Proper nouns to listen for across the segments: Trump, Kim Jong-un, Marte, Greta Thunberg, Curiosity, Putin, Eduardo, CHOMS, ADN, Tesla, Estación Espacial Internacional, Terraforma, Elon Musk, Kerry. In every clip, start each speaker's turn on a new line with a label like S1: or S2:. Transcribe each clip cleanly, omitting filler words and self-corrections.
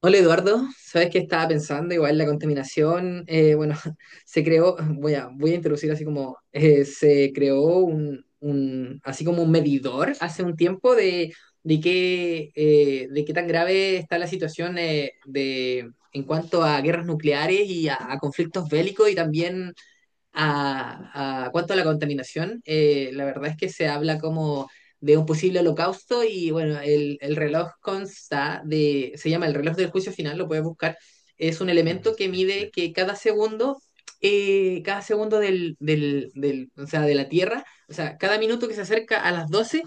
S1: Hola Eduardo, sabes que estaba pensando, igual la contaminación, bueno, se creó, voy a introducir así como, se creó así como un medidor hace un tiempo de, de qué tan grave está la situación de, en cuanto a guerras nucleares y a conflictos bélicos y también cuanto a la contaminación, la verdad es que se habla como de un posible holocausto y bueno, el reloj consta de, se llama el reloj del juicio final, lo puedes buscar, es un
S2: Ah,
S1: elemento que mide que cada segundo o sea, de la Tierra, o sea, cada minuto que se acerca a las 12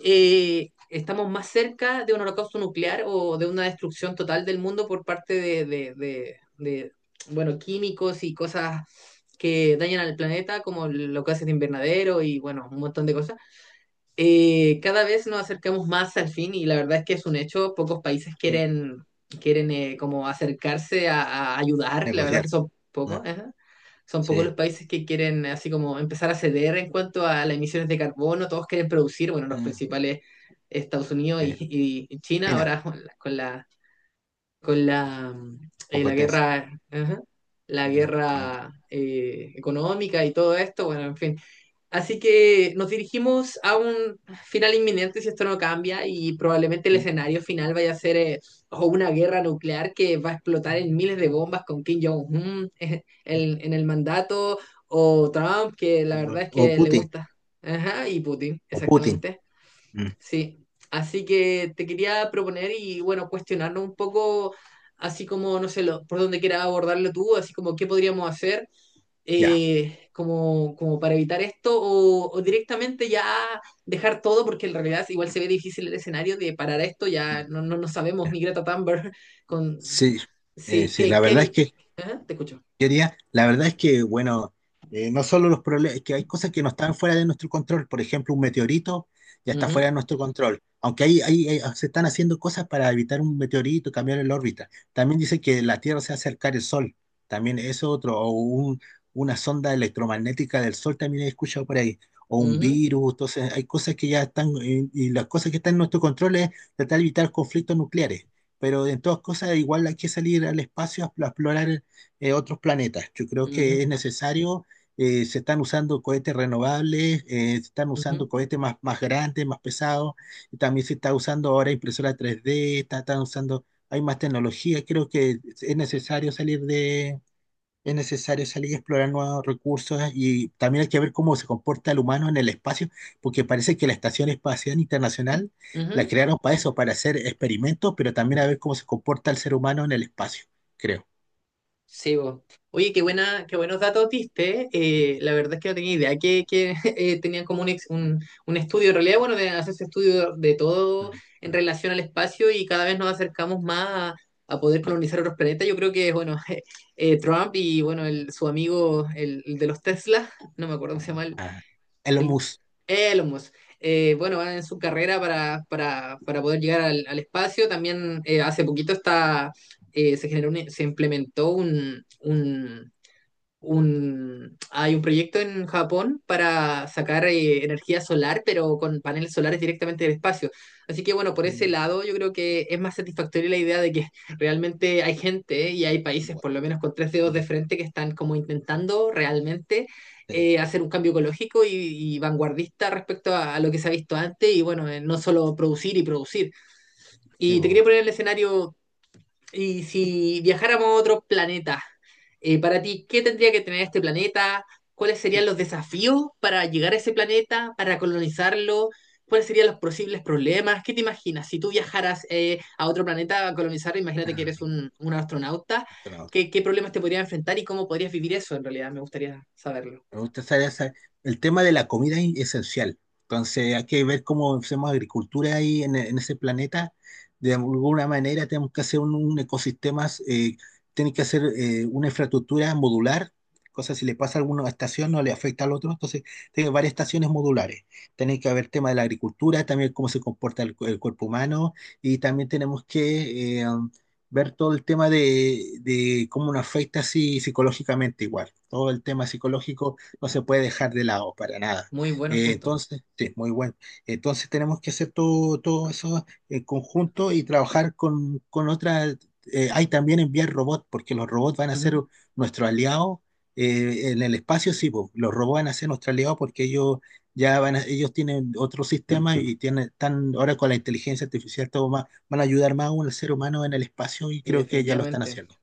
S1: estamos más cerca de un holocausto nuclear o de una destrucción total del mundo por parte de, bueno, químicos y cosas que dañan al planeta, como los gases de invernadero y, bueno, un montón de cosas, cada vez nos acercamos más al fin y la verdad es que es un hecho, pocos países
S2: sí.
S1: quieren, quieren como acercarse a ayudar, la verdad es que
S2: Negociar.
S1: son pocos,
S2: ah,
S1: ajá. Son pocos
S2: Sí.
S1: los países que quieren así como empezar a ceder en cuanto a las emisiones de carbono, todos quieren producir, bueno, los
S2: ah,
S1: principales Estados Unidos
S2: eh,
S1: y China
S2: China,
S1: ahora con la la
S2: competencia
S1: guerra, ajá, la
S2: económica.
S1: guerra económica y todo esto, bueno, en fin. Así que nos dirigimos a un final inminente si esto no cambia y probablemente el
S2: eh,
S1: escenario final vaya a ser o una guerra nuclear que va a explotar en miles de bombas con Kim Jong-un en el mandato o Trump, que la verdad es
S2: O
S1: que le
S2: Putin,
S1: gusta. Ajá, y Putin,
S2: o Putin.
S1: exactamente.
S2: mm,
S1: Sí. Así que te quería proponer y bueno, cuestionarnos un poco, así como, no sé, por dónde quieras abordarlo tú, así como qué podríamos hacer
S2: Ya.
S1: como, como para evitar esto o directamente ya dejar todo porque en realidad igual se ve difícil el escenario de parar esto, ya no sabemos
S2: ya.
S1: ni Greta Thunberg con...
S2: Sí,
S1: Sí,
S2: sí,
S1: que
S2: la verdad es
S1: Kerry...
S2: que
S1: ¿Eh? Te escucho.
S2: teoría, la verdad es que, bueno, no solo los problemas, que hay cosas que no están fuera de nuestro control, por ejemplo, un meteorito ya está fuera de
S1: Ujú,
S2: nuestro control, aunque ahí se están haciendo cosas para evitar un meteorito, cambiar el órbita. También dice que la Tierra se hace acercar el Sol, también eso es otro, una sonda electromagnética del Sol también he escuchado por ahí, o un
S1: ujú,
S2: virus, entonces hay cosas que ya están, y las cosas que están en nuestro control es tratar de evitar conflictos nucleares. Pero en todas cosas igual hay que salir al espacio a explorar otros planetas. Yo creo que
S1: ujú,
S2: es necesario, se están usando cohetes renovables, se están usando
S1: ujú,
S2: cohetes más grandes, más pesados, y también se está usando ahora impresora 3D, están usando, hay más tecnología, creo que es necesario salir de... Es necesario salir a explorar nuevos recursos y también hay que ver cómo se comporta el humano en el espacio, porque parece que la Estación Espacial Internacional la
S1: ujú.
S2: crearon para eso, para hacer experimentos, pero también a ver cómo se comporta el ser humano en el espacio, creo.
S1: Sí, bo. Oye, qué buenos datos diste. La verdad es que no tenía idea que tenían como un estudio. En realidad, bueno, hace ese estudio de todo en relación al espacio y cada vez nos acercamos más a poder colonizar otros planetas. Yo creo que, bueno, Trump y, bueno, el, su amigo, el de los Tesla, no me acuerdo cómo se llama,
S2: Ah, el
S1: el,
S2: hummus.
S1: Elon Musk. Bueno, va en su carrera para poder llegar al, al espacio. También hace poquito está, se generó se implementó hay un proyecto en Japón para sacar energía solar, pero con paneles solares directamente del espacio. Así que bueno, por ese
S2: Mm.
S1: lado yo creo que es más satisfactoria la idea de que realmente hay gente y hay países,
S2: Igual.
S1: por lo menos con tres dedos de
S2: Ah,
S1: frente, que están como intentando realmente
S2: Sí,
S1: hacer un cambio ecológico y vanguardista respecto a lo que se ha visto antes y bueno, no solo producir y producir.
S2: sí,
S1: Y te
S2: bueno,
S1: quería poner el escenario y si viajáramos a otro planeta, para ti, ¿qué tendría que tener este planeta? ¿Cuáles
S2: sí,
S1: serían los desafíos para llegar a ese planeta, para colonizarlo? ¿Cuáles serían los posibles problemas? ¿Qué te imaginas? Si tú viajaras a otro planeta a colonizarlo, imagínate que
S2: ah,
S1: eres un astronauta,
S2: encontrado.
S1: ¿qué, qué problemas te podrías enfrentar y cómo podrías vivir eso en realidad? Me gustaría saberlo.
S2: Me gusta esa- esa- El tema de la comida es esencial. Entonces hay que ver cómo hacemos agricultura ahí en ese planeta. De alguna manera tenemos que hacer un ecosistema, tiene que hacer una infraestructura modular. Cosas, si le pasa a alguna estación no le afecta al otro. Entonces, tiene varias estaciones modulares. Tiene que haber tema de la agricultura, también cómo se comporta el cuerpo humano. Y también tenemos que ver todo el tema de cómo nos afecta así psicológicamente igual. Todo el tema psicológico no se puede dejar de lado para nada.
S1: Muy buenos puntos.
S2: Entonces, sí, muy bueno. Entonces tenemos que hacer todo, todo eso en conjunto y trabajar con otras. Hay también enviar robots, porque los robots van a ser
S1: Ujú.
S2: nuestro aliado en el espacio, sí, po, los robots van a ser nuestro aliado porque ellos ellos tienen otro sistema y tienen, están ahora con la inteligencia artificial todo más, van a ayudar más aún al ser humano en el espacio y
S1: Y
S2: creo que ya lo están
S1: definitivamente.
S2: haciendo.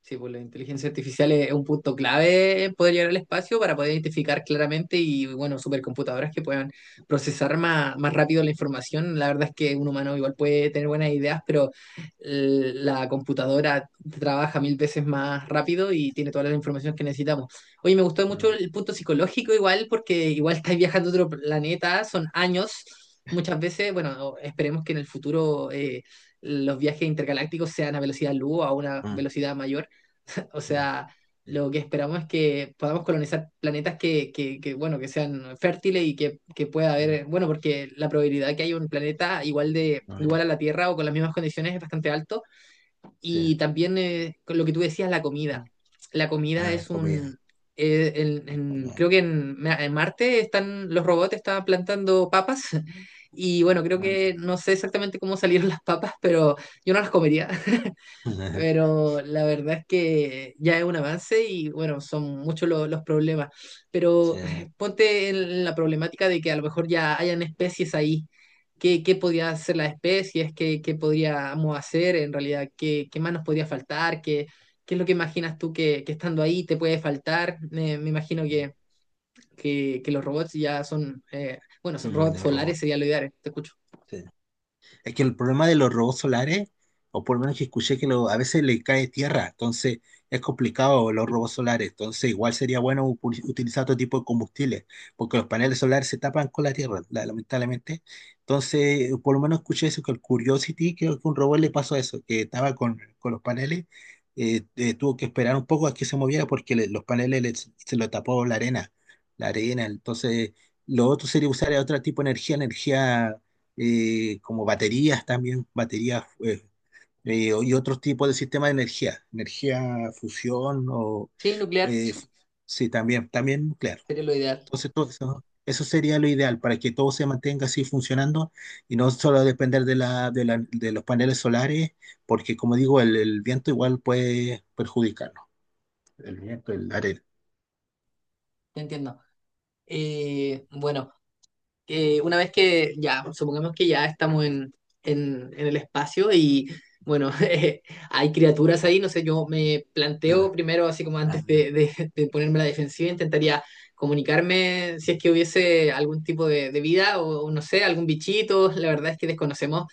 S1: Sí, pues la inteligencia artificial es un punto clave en poder llegar al espacio para poder identificar claramente y, bueno, supercomputadoras que puedan procesar más, más rápido la información. La verdad es que un humano igual puede tener buenas ideas, pero la computadora trabaja mil veces más rápido y tiene toda la información que necesitamos. Oye, me gustó mucho
S2: Mm.
S1: el punto psicológico igual, porque igual estáis viajando a otro planeta, son años. Muchas veces, bueno, esperemos que en el futuro los viajes intergalácticos sean a velocidad luz o a una
S2: mm,
S1: velocidad mayor. O
S2: mm,
S1: sea,
S2: mm,
S1: lo que esperamos es que podamos colonizar planetas que, bueno, que sean fértiles y que pueda haber, bueno, porque la probabilidad de que haya un planeta igual de,
S2: mm,
S1: igual a la Tierra o con las mismas condiciones es bastante alto.
S2: sí.
S1: Y también con lo que tú decías, la comida. La comida
S2: Ah,
S1: es
S2: comida.
S1: un
S2: como-
S1: creo que en Marte están los robots están plantando papas y bueno, creo que no sé exactamente cómo salieron las papas, pero yo no las comería, pero la verdad es que ya es un avance y bueno, son muchos los problemas.
S2: Sí.
S1: Pero ponte en la problemática de que a lo mejor ya hayan especies ahí. ¿Qué, qué podría hacer las especies? ¿Qué, qué podríamos hacer en realidad? ¿Qué, qué más nos podría faltar? ¿Qué, qué es lo que imaginas tú que estando ahí te puede faltar? Me imagino que, que los robots ya son, bueno, son
S2: Mm,
S1: robots
S2: De robo.
S1: solares sería lo ideal, te escucho.
S2: Sí. Es que el problema de los robots solares, o por lo menos que escuché a veces le cae tierra, entonces es complicado los robots solares. Entonces igual sería bueno utilizar otro tipo de combustibles, porque los paneles solares se tapan con la tierra, lamentablemente. Entonces, por lo menos escuché eso, que el Curiosity, creo que un robot le pasó eso, que estaba con los paneles, tuvo que esperar un poco a que se moviera porque los paneles se lo tapó la arena, la arena. Entonces, lo otro sería usar otro tipo de energía, energía como baterías también, baterías y otros tipos de sistemas de energía, energía fusión o
S1: Sí, nuclear
S2: eh, sí, también, también nuclear.
S1: sería lo ideal,
S2: Entonces, todo eso, eso sería lo ideal para que todo se mantenga así funcionando y no solo depender de, la, de los paneles solares, porque como digo, el viento igual puede perjudicarnos, el viento, el arena.
S1: te entiendo. Bueno. Una vez que ya, supongamos que ya estamos en el espacio y bueno, hay criaturas ahí, no sé, yo me planteo primero, así como
S2: Ah,
S1: antes de ponerme a la defensiva, intentaría comunicarme si es que hubiese algún tipo de vida o no sé, algún bichito, la verdad es que desconocemos.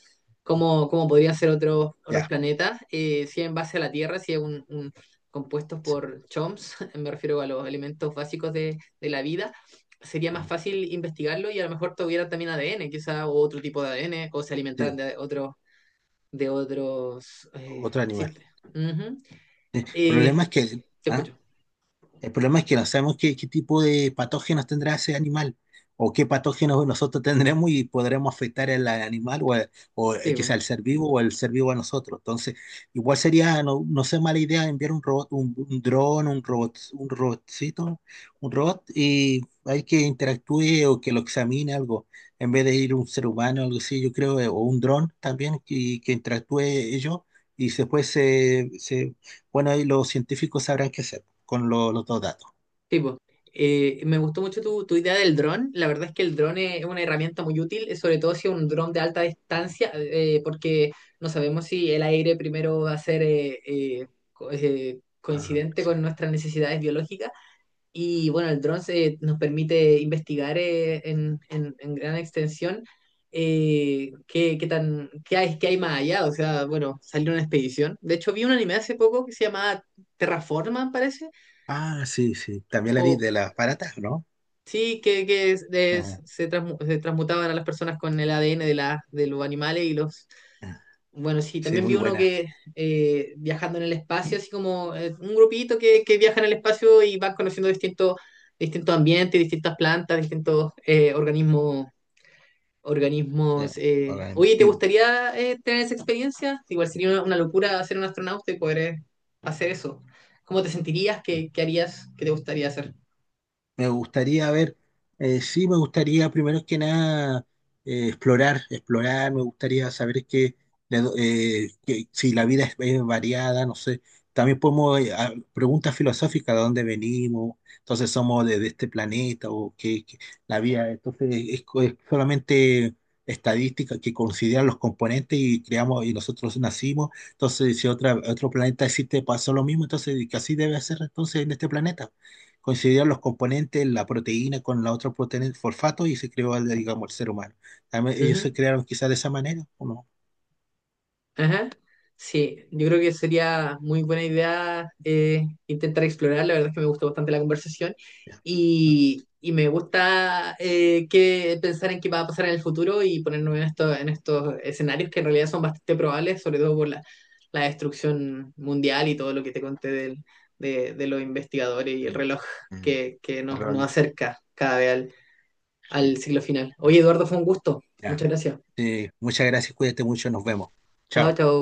S1: Cómo, cómo podrían ser otros, otros
S2: Ya,
S1: planetas, si en base a la Tierra, si es compuestos
S2: sí,
S1: por CHOMS, me refiero a los elementos básicos de la vida, sería más fácil investigarlo y a lo mejor tuvieran también ADN, quizá, o otro tipo de ADN, o se alimentaran
S2: sí,
S1: de otros
S2: otro animal.
S1: sistemas. Ujú.
S2: El
S1: Eh,
S2: problema es que,
S1: Te
S2: ¿ah?
S1: escucho.
S2: El problema es que no sabemos qué, qué tipo de patógenos tendrá ese animal o qué patógenos nosotros tendremos y podremos afectar al animal o
S1: Tipo,
S2: quizá al ser vivo o al ser vivo a nosotros. Entonces, igual sería, no, no sé, mala idea enviar un robot, un dron, un robot, un robotcito, un robot y hay que interactúe o que lo examine algo, en vez de ir un ser humano, algo así, yo creo, o un dron también que interactúe ellos y después bueno, ahí los científicos sabrán qué hacer con los dos datos.
S1: tipo. Me gustó mucho tu, tu idea del dron. La verdad es que el dron es una herramienta muy útil, sobre todo si es un dron de alta distancia, porque no sabemos si el aire primero va a ser
S2: Ah,
S1: coincidente
S2: sí.
S1: con nuestras necesidades biológicas. Y bueno, nos permite investigar en gran extensión qué hay más allá. O sea, bueno, salió una expedición. De hecho, vi un anime hace poco que se llamaba Terraforma, parece,
S2: Ah, sí, sí. También la vi
S1: o,
S2: de las baratas, ¿no?
S1: sí, que
S2: Ah,
S1: se, se transmutaban a las personas con el ADN de, la, de los animales y los...
S2: ah,
S1: Bueno, sí,
S2: sí,
S1: también vi
S2: muy
S1: uno
S2: buena.
S1: que viajando en el espacio, así como un grupito que viaja en el espacio y van conociendo distintos distintos ambientes, distintas plantas, distintos organismos.
S2: Sí, ahora
S1: Oye, ¿te
S2: mismo,
S1: gustaría tener esa experiencia? Igual sería una locura ser un astronauta y poder hacer eso. ¿Cómo te sentirías? ¿Qué, qué harías? ¿Qué te gustaría hacer?
S2: me gustaría ver, sí, me gustaría primero que nada explorar, explorar, me gustaría saber que, que si la vida es variada, no sé. También podemos, preguntas filosóficas, ¿de dónde venimos? Entonces somos de este planeta o que, la vida, entonces es solamente estadística que consideran los componentes y creamos y nosotros nacimos. Entonces, si otra, otro planeta existe, pasó lo mismo, entonces que así debe ser entonces en este planeta coincidieron los componentes, la proteína con la otra proteína, el fosfato, y se creó, digamos, el ser humano. También ellos se
S1: Ujú.
S2: crearon quizás de esa manera, ¿o no?
S1: Ajá. Sí, yo creo que sería muy buena idea intentar explorar. La verdad es que me gustó bastante la conversación
S2: Ya.
S1: y me gusta que pensar en qué va a pasar en el futuro y ponernos en, en estos escenarios que en realidad son bastante probables, sobre todo por la, la destrucción mundial y todo lo que te conté de los investigadores y el reloj
S2: Mm.
S1: que nos, nos
S2: Error.
S1: acerca cada vez al, al
S2: Sí.
S1: siglo final. Oye, Eduardo, fue un gusto.
S2: Ya.
S1: Muchas gracias.
S2: Muchas gracias, cuídate mucho, nos vemos.
S1: Chao,
S2: Chao.
S1: chao.